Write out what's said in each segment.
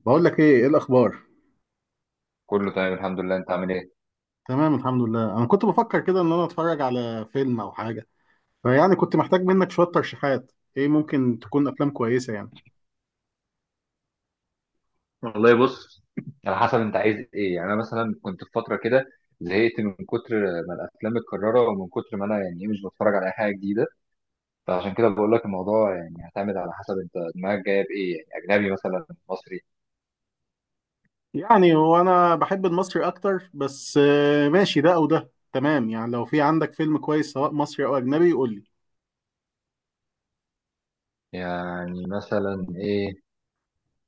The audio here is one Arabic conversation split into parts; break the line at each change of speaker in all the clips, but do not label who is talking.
بقول لك ايه الاخبار؟
كله تمام الحمد لله. انت عامل ايه؟
تمام الحمد لله. انا كنت بفكر كده ان انا اتفرج على فيلم او حاجه، كنت محتاج منك شويه ترشيحات، ايه ممكن تكون افلام كويسه يعني.
والله بص، على حسب انت عايز ايه يعني. انا مثلا كنت في فتره كده زهقت من كتر ما الافلام متكرره، ومن كتر ما انا يعني ايه مش بتفرج على اي حاجه جديده. فعشان كده بقول لك الموضوع يعني هيعتمد على حسب انت دماغك جايه بايه، يعني اجنبي مثلا مصري.
يعني هو انا بحب المصري اكتر، بس ماشي، ده او ده تمام يعني، لو في عندك فيلم كويس سواء مصري او اجنبي قول لي.
يعني مثلا ايه؟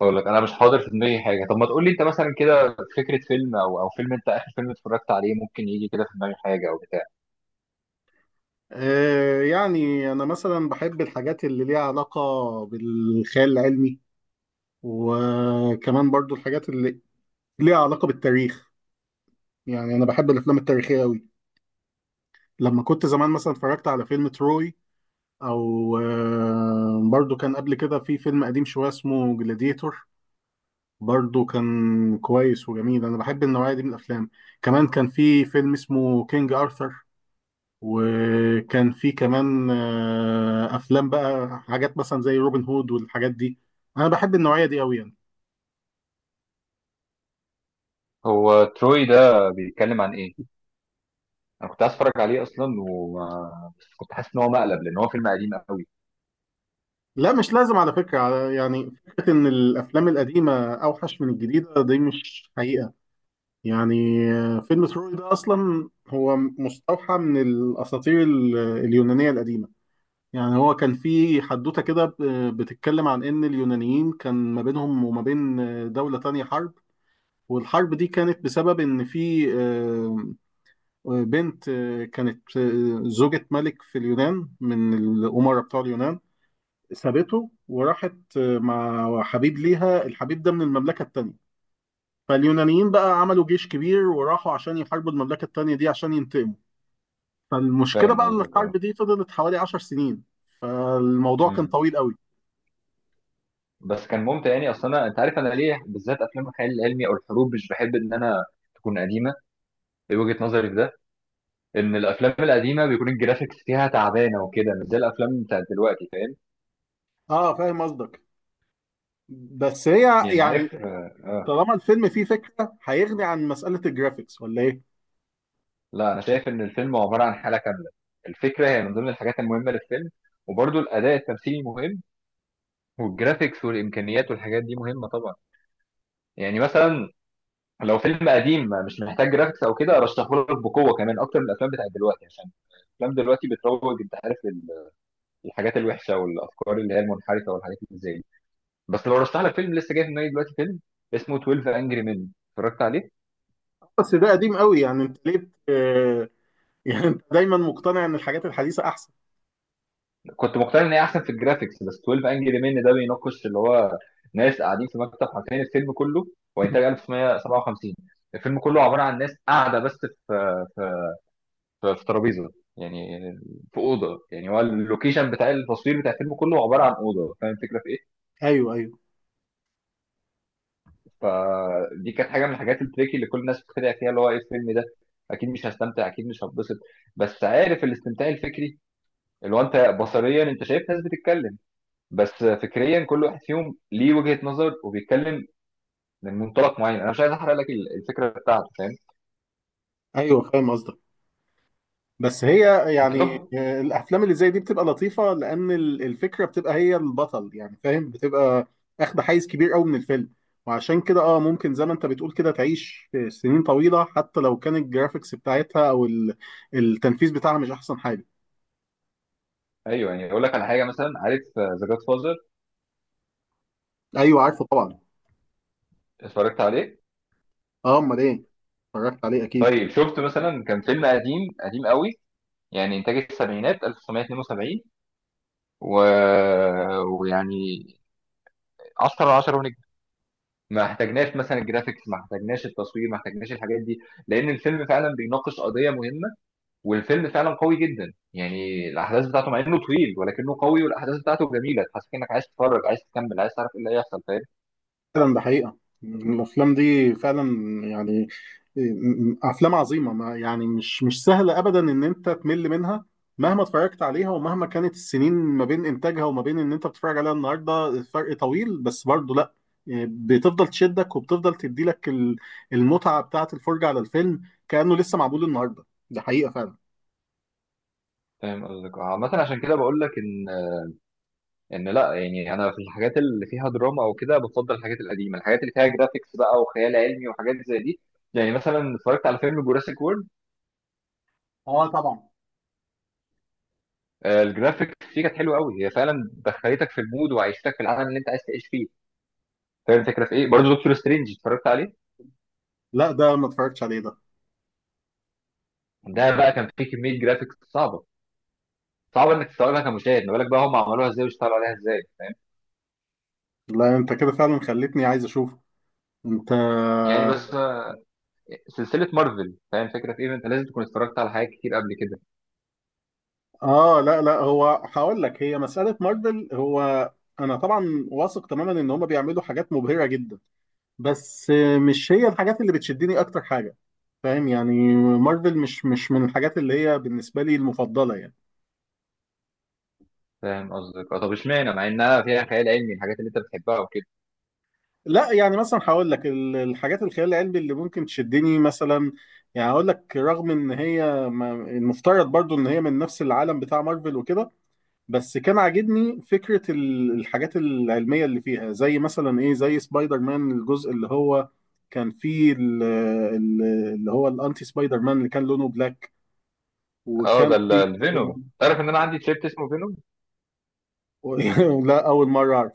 اقول لك انا مش حاضر في دماغي حاجه. طب ما تقول لي انت مثلا كده فكره فيلم، او فيلم، انت اخر فيلم اتفرجت عليه، ممكن يجي كده في دماغي حاجه او بتاع.
يعني انا مثلا بحب الحاجات اللي ليها علاقه بالخيال العلمي، وكمان برضو الحاجات اللي ليها علاقه بالتاريخ. يعني انا بحب الافلام التاريخيه قوي. لما كنت زمان مثلا اتفرجت على فيلم تروي، او برضو كان قبل كده في فيلم قديم شويه اسمه جلاديتور، برضو كان كويس وجميل. انا بحب النوعيه دي من الافلام. كمان كان في فيلم اسمه كينج ارثر، وكان في كمان افلام، بقى حاجات مثلا زي روبن هود والحاجات دي. انا بحب النوعيه دي قوي يعني.
هو تروي ده بيتكلم عن ايه؟ انا كنت عايز اتفرج عليه اصلا، وما بس كنت حاسس ان هو مقلب، لان هو فيلم قديم قوي.
لا، مش لازم، على فكره، يعني فكره ان الافلام القديمه اوحش من الجديده دي مش حقيقه يعني. فيلم تروي ده أصلا هو مستوحى من الأساطير اليونانية القديمة. يعني هو كان في حدوتة كده بتتكلم عن إن اليونانيين كان ما بينهم وما بين دولة تانية حرب، والحرب دي كانت بسبب إن في بنت كانت زوجة ملك في اليونان من الأمراء بتوع اليونان، سابته وراحت مع حبيب ليها، الحبيب ده من المملكة التانية. فاليونانيين بقى عملوا جيش كبير وراحوا عشان يحاربوا المملكة التانية دي عشان ينتقموا. فالمشكلة
فاهم
بقى إن
قصدك، اه.
الحرب دي فضلت حوالي عشر سنين، فالموضوع كان
امم
طويل قوي.
بس كان ممتع يعني. اصلا انا، انت عارف انا ليه بالذات افلام الخيال العلمي او الحروب مش بحب ان انا تكون قديمه؟ ايه وجهه نظري في ده؟ ان الافلام القديمه بيكون الجرافيكس فيها تعبانه وكده، مش زي الافلام بتاعت دلوقتي، فاهم؟
اه فاهم قصدك. بس هي
يعني
يعني
عارف
طالما الفيلم فيه فكرة هيغني عن مسألة الجرافيكس ولا ايه؟
لا، انا شايف ان الفيلم عباره عن حاله كامله. الفكره هي من ضمن الحاجات المهمه للفيلم، وبرضه الاداء التمثيلي مهم، والجرافيكس والامكانيات والحاجات دي مهمه طبعا. يعني مثلا لو فيلم قديم مش محتاج جرافيكس او كده ارشحهولك بقوه، كمان اكتر من الافلام بتاعت دلوقتي، عشان الافلام دلوقتي بتروج انت عارف للحاجات الوحشه والافكار اللي هي المنحرفه والحاجات اللي زي دي. بس لو رشح لك فيلم، لسه جاي في دماغي دلوقتي، فيلم اسمه 12 انجري مين، اتفرجت عليه؟
بس ده قديم قوي، يعني انت ليه يعني انت دايما مقتنع ان الحاجات الحديثة احسن.
كنت مقتنع ان هي احسن في الجرافيكس، بس 12 انجري مين ده بيناقش اللي هو ناس قاعدين في مكتب، حرفيا الفيلم كله، هو انتاج 1957. الفيلم كله عباره عن ناس قاعده بس في في ترابيزه، يعني في اوضه. يعني هو اللوكيشن بتاع التصوير بتاع الفيلم كله عباره عن اوضه. فاهم الفكره في ايه؟
ايوه ايوه
فدي كانت حاجه من الحاجات التريكي اللي كل الناس بتتريق فيها، اللي هو ايه الفيلم ده، اكيد مش هستمتع، اكيد مش هتبسط. بس عارف الاستمتاع الفكري، اللي هو انت بصريا انت شايف ناس بتتكلم، بس فكريا كل واحد فيهم ليه وجهه نظر وبيتكلم من منطلق معين. انا مش عايز احرق لك الفكره بتاعته، فاهم؟
ايوه، فاهم قصدك. بس هي
انت
يعني،
طب،
الافلام اللي زي دي بتبقى لطيفه لان الفكره بتبقى هي البطل، يعني فاهم، بتبقى اخد حيز كبير قوي من الفيلم. وعشان كده اه ممكن زي ما انت بتقول كده تعيش سنين طويله، حتى لو كان الجرافيكس بتاعتها او التنفيذ بتاعها مش احسن حاجه.
ايوه يعني. اقول لك على حاجه، مثلا عارف ذا جاد فازر؟
ايوه عارفه طبعا.
اتفرجت عليه؟
اه امال ايه، اتفرجت عليه اكيد.
طيب شفت مثلا، كان فيلم قديم قديم قوي، يعني انتاج السبعينات، 1972، و... ويعني 10 على 10 ونجم. ما احتاجناش مثلا الجرافيكس، ما احتاجناش التصوير، ما احتاجناش الحاجات دي، لان الفيلم فعلا بيناقش قضيه مهمه، والفيلم فعلا قوي جدا. يعني الاحداث بتاعته مع انه طويل ولكنه قوي، والاحداث بتاعته جميله، تحسسك انك عايز تتفرج، عايز تكمل، عايز تعرف ايه اللي هيحصل، فاهم؟
فعلا ده حقيقة. الأفلام دي فعلا يعني أفلام عظيمة، ما يعني مش مش سهلة أبدا إن أنت تمل منها، مهما اتفرجت عليها ومهما كانت السنين ما بين إنتاجها وما بين إن أنت بتتفرج عليها النهاردة، الفرق طويل بس برضه لأ، يعني بتفضل تشدك وبتفضل تديلك المتعة بتاعة الفرجة على الفيلم، كأنه لسه معمول النهاردة. ده حقيقة فعلا.
فاهم قصدك عامه. عشان كده بقول لك ان لا، يعني انا في الحاجات اللي فيها دراما او كده بفضل الحاجات القديمه، الحاجات اللي فيها جرافيكس بقى وخيال علمي وحاجات زي دي، يعني مثلا اتفرجت على فيلم جوراسيك وورلد،
اه طبعا.
الجرافيكس فيه كانت حلوه قوي، هي فعلا دخلتك في المود وعيشتك في العالم اللي انت عايز تعيش فيه. فاهم الفكره في ايه؟ برضه دكتور سترينج، اتفرجت عليه؟
لا، ده ما اتفرجتش عليه ده.
ده بقى كان فيه كميه جرافيكس صعبه، صعبه انك تستوعبها كمشاهد، ما بالك بقى هم عملوها ازاي واشتغلوا عليها ازاي.
لا، أنت كده فعلا خلتني عايز أشوفه أنت.
يعني بس سلسله مارفل. فاهم الفكره في ايه؟ انت لازم تكون اتفرجت على حاجات كتير قبل كده.
اه لا لا، هو هقول لك، هي مسألة مارفل، هو انا طبعا واثق تماما ان هم بيعملوا حاجات مبهرة جدا، بس مش هي الحاجات اللي بتشدني اكتر حاجة، فاهم؟ يعني مارفل مش مش من الحاجات اللي هي بالنسبة لي المفضلة يعني.
فاهم قصدك، اه. طب اشمعنى مع انها فيها خيال علمي، الحاجات اللي انت بتحبها وكده؟
لا يعني مثلا هقول لك الحاجات الخيال العلمي اللي ممكن تشدني مثلا، يعني هقول لك رغم ان هي المفترض برضو ان هي من نفس العالم بتاع مارفل وكده، بس كان عاجبني فكرة الحاجات العلمية اللي فيها، زي مثلا ايه، زي سبايدر مان الجزء اللي هو كان فيه اللي هو الانتي سبايدر مان اللي كان لونه بلاك،
اه، ده
وكان فيه
الفينوم. تعرف ان انا عندي تيشيرت اسمه فينوم؟
لا، اول مرة اعرف.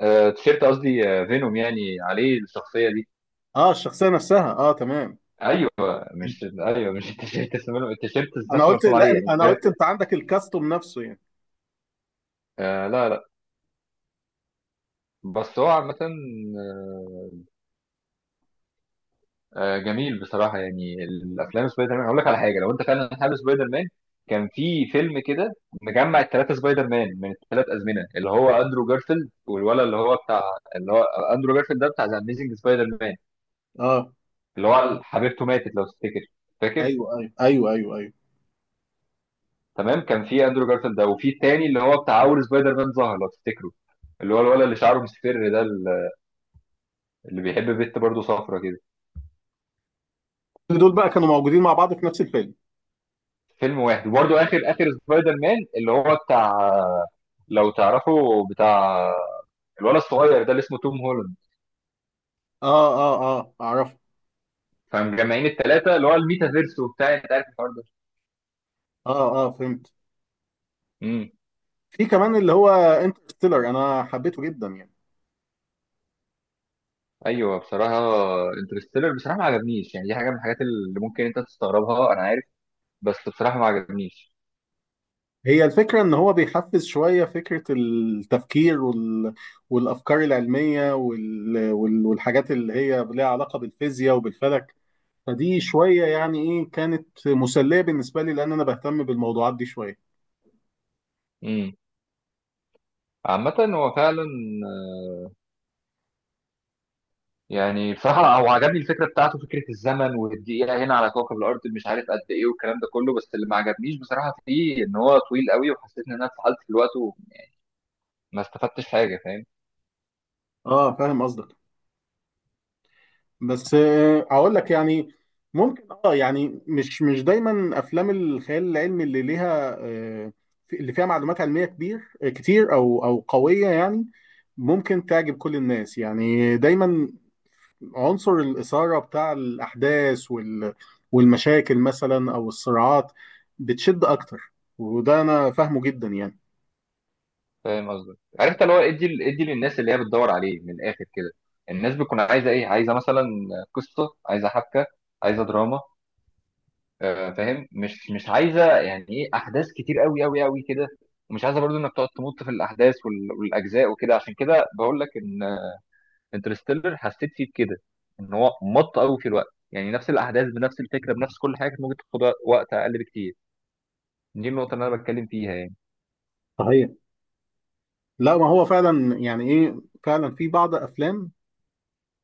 آه، تيشيرت قصدي، آه، فينوم يعني عليه الشخصيه دي.
اه الشخصية نفسها، اه تمام.
ايوه. مش التيشيرت اسمه فينوم، التيشيرت
انا
نفسه
قلت
مرسوم
لا،
عليه، يعني
انا
بجد.
قلت انت عندك الكاستوم نفسه يعني.
آه، لا. بس هو عامه، آه، جميل بصراحه يعني. الافلام سبايدر مان، هقول لك على حاجه، لو انت فعلا حابب سبايدر مان، كان في فيلم كده مجمع الثلاثه سبايدر مان من الثلاث ازمنه، اللي هو اندرو جارفيلد، والولد اللي هو بتاع اللي هو اندرو جارفيلد ده بتاع ذا اميزنج سبايدر مان،
اه
اللي هو حبيبته ماتت لو تفتكر، فاكر؟
ايوه ايوه ايوه ايوه ايوه،
تمام. كان في اندرو جارفيلد ده، وفي التاني اللي هو بتاع اول سبايدر مان ظهر لو تفتكره، اللي هو الولد اللي شعره مصفر ده، اللي بيحب بنت برضه صفرة كده،
كل دول بقى كانوا موجودين مع بعض في نفس الفيلم.
فيلم واحد. وبرضه اخر سبايدر مان اللي هو بتاع، لو تعرفه، بتاع الولد الصغير ده اللي اسمه توم هولاند.
اه اه اه اعرف.
فمجمعين التلاتة اللي هو الميتافيرس وبتاع، انت عارف الحوار ده.
اه اه فهمت.
امم
في كمان اللي هو انترستيلر، انا حبيته جدا يعني.
ايوه بصراحه. انترستيلر بصراحه ما عجبنيش، يعني دي حاجه من الحاجات اللي ممكن انت تستغربها انا عارف، بس بصراحه ما عجبنيش.
هي الفكرة إن هو بيحفز شوية فكرة التفكير والأفكار العلمية والحاجات اللي هي ليها علاقة بالفيزياء وبالفلك، فدي شوية يعني إيه كانت مسلية بالنسبة لي، لأن أنا بهتم بالموضوعات دي شوية.
امم عامة هو فعلا، يعني بصراحة هو عجبني الفكرة بتاعته، فكرة الزمن والدقيقة هنا على كوكب الأرض مش عارف قد إيه والكلام ده كله، بس اللي ما عجبنيش بصراحة فيه إن هو طويل قوي، وحسيت إن أنا اتسحلت في الوقت وما استفدتش حاجة، فاهم؟
آه فاهم قصدك. بس أقول لك يعني، ممكن آه يعني مش مش دايما أفلام الخيال العلمي اللي ليها اللي فيها معلومات علمية كبير كتير أو قوية يعني ممكن تعجب كل الناس. يعني دايما عنصر الإثارة بتاع الأحداث والمشاكل مثلا أو الصراعات بتشد أكتر، وده أنا فاهمه جدا يعني.
فاهم قصدك. عرفت اللي هو إدي للناس، اللي هي بتدور عليه من الآخر كده، الناس بتكون عايزة إيه؟ عايزة مثلا قصة، عايزة حبكة، عايزة دراما، فاهم؟ مش عايزة يعني إيه أحداث كتير قوي كده، ومش عايزة برضو إنك تقعد تمط في الأحداث والأجزاء وكده. عشان كده بقول لك إن انترستيلر حسيت فيه كده، ان هو مط قوي في الوقت، يعني نفس الاحداث بنفس الفكره بنفس كل حاجه كانت ممكن تاخد وقت اقل بكتير. دي النقطه اللي انا بتكلم فيها يعني.
صحيح. لا ما هو فعلا يعني إيه، فعلا في بعض أفلام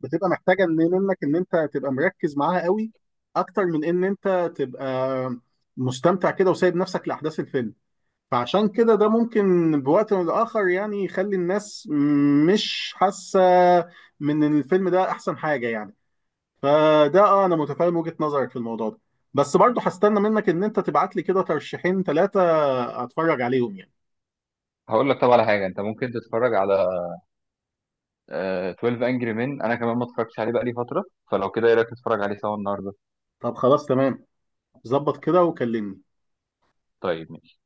بتبقى محتاجة منك إن أنت تبقى مركز معاها قوي، أكتر من إن أنت تبقى مستمتع كده وسايب نفسك لأحداث الفيلم، فعشان كده ده ممكن بوقت من الآخر يعني يخلي الناس مش حاسة من إن الفيلم ده أحسن حاجة يعني. فده اه انا متفاهم وجهة نظرك في الموضوع ده. بس برضه هستنى منك ان انت تبعت لي كده ترشيحين ثلاثة اتفرج عليهم يعني.
هقول لك، طب على حاجه، انت ممكن تتفرج على 12 انجري مين، انا كمان ما اتفرجتش عليه بقالي فتره، فلو كده ايه رايك تتفرج عليه سوا النهارده؟
طب خلاص تمام، ظبط كده وكلمني.
طيب.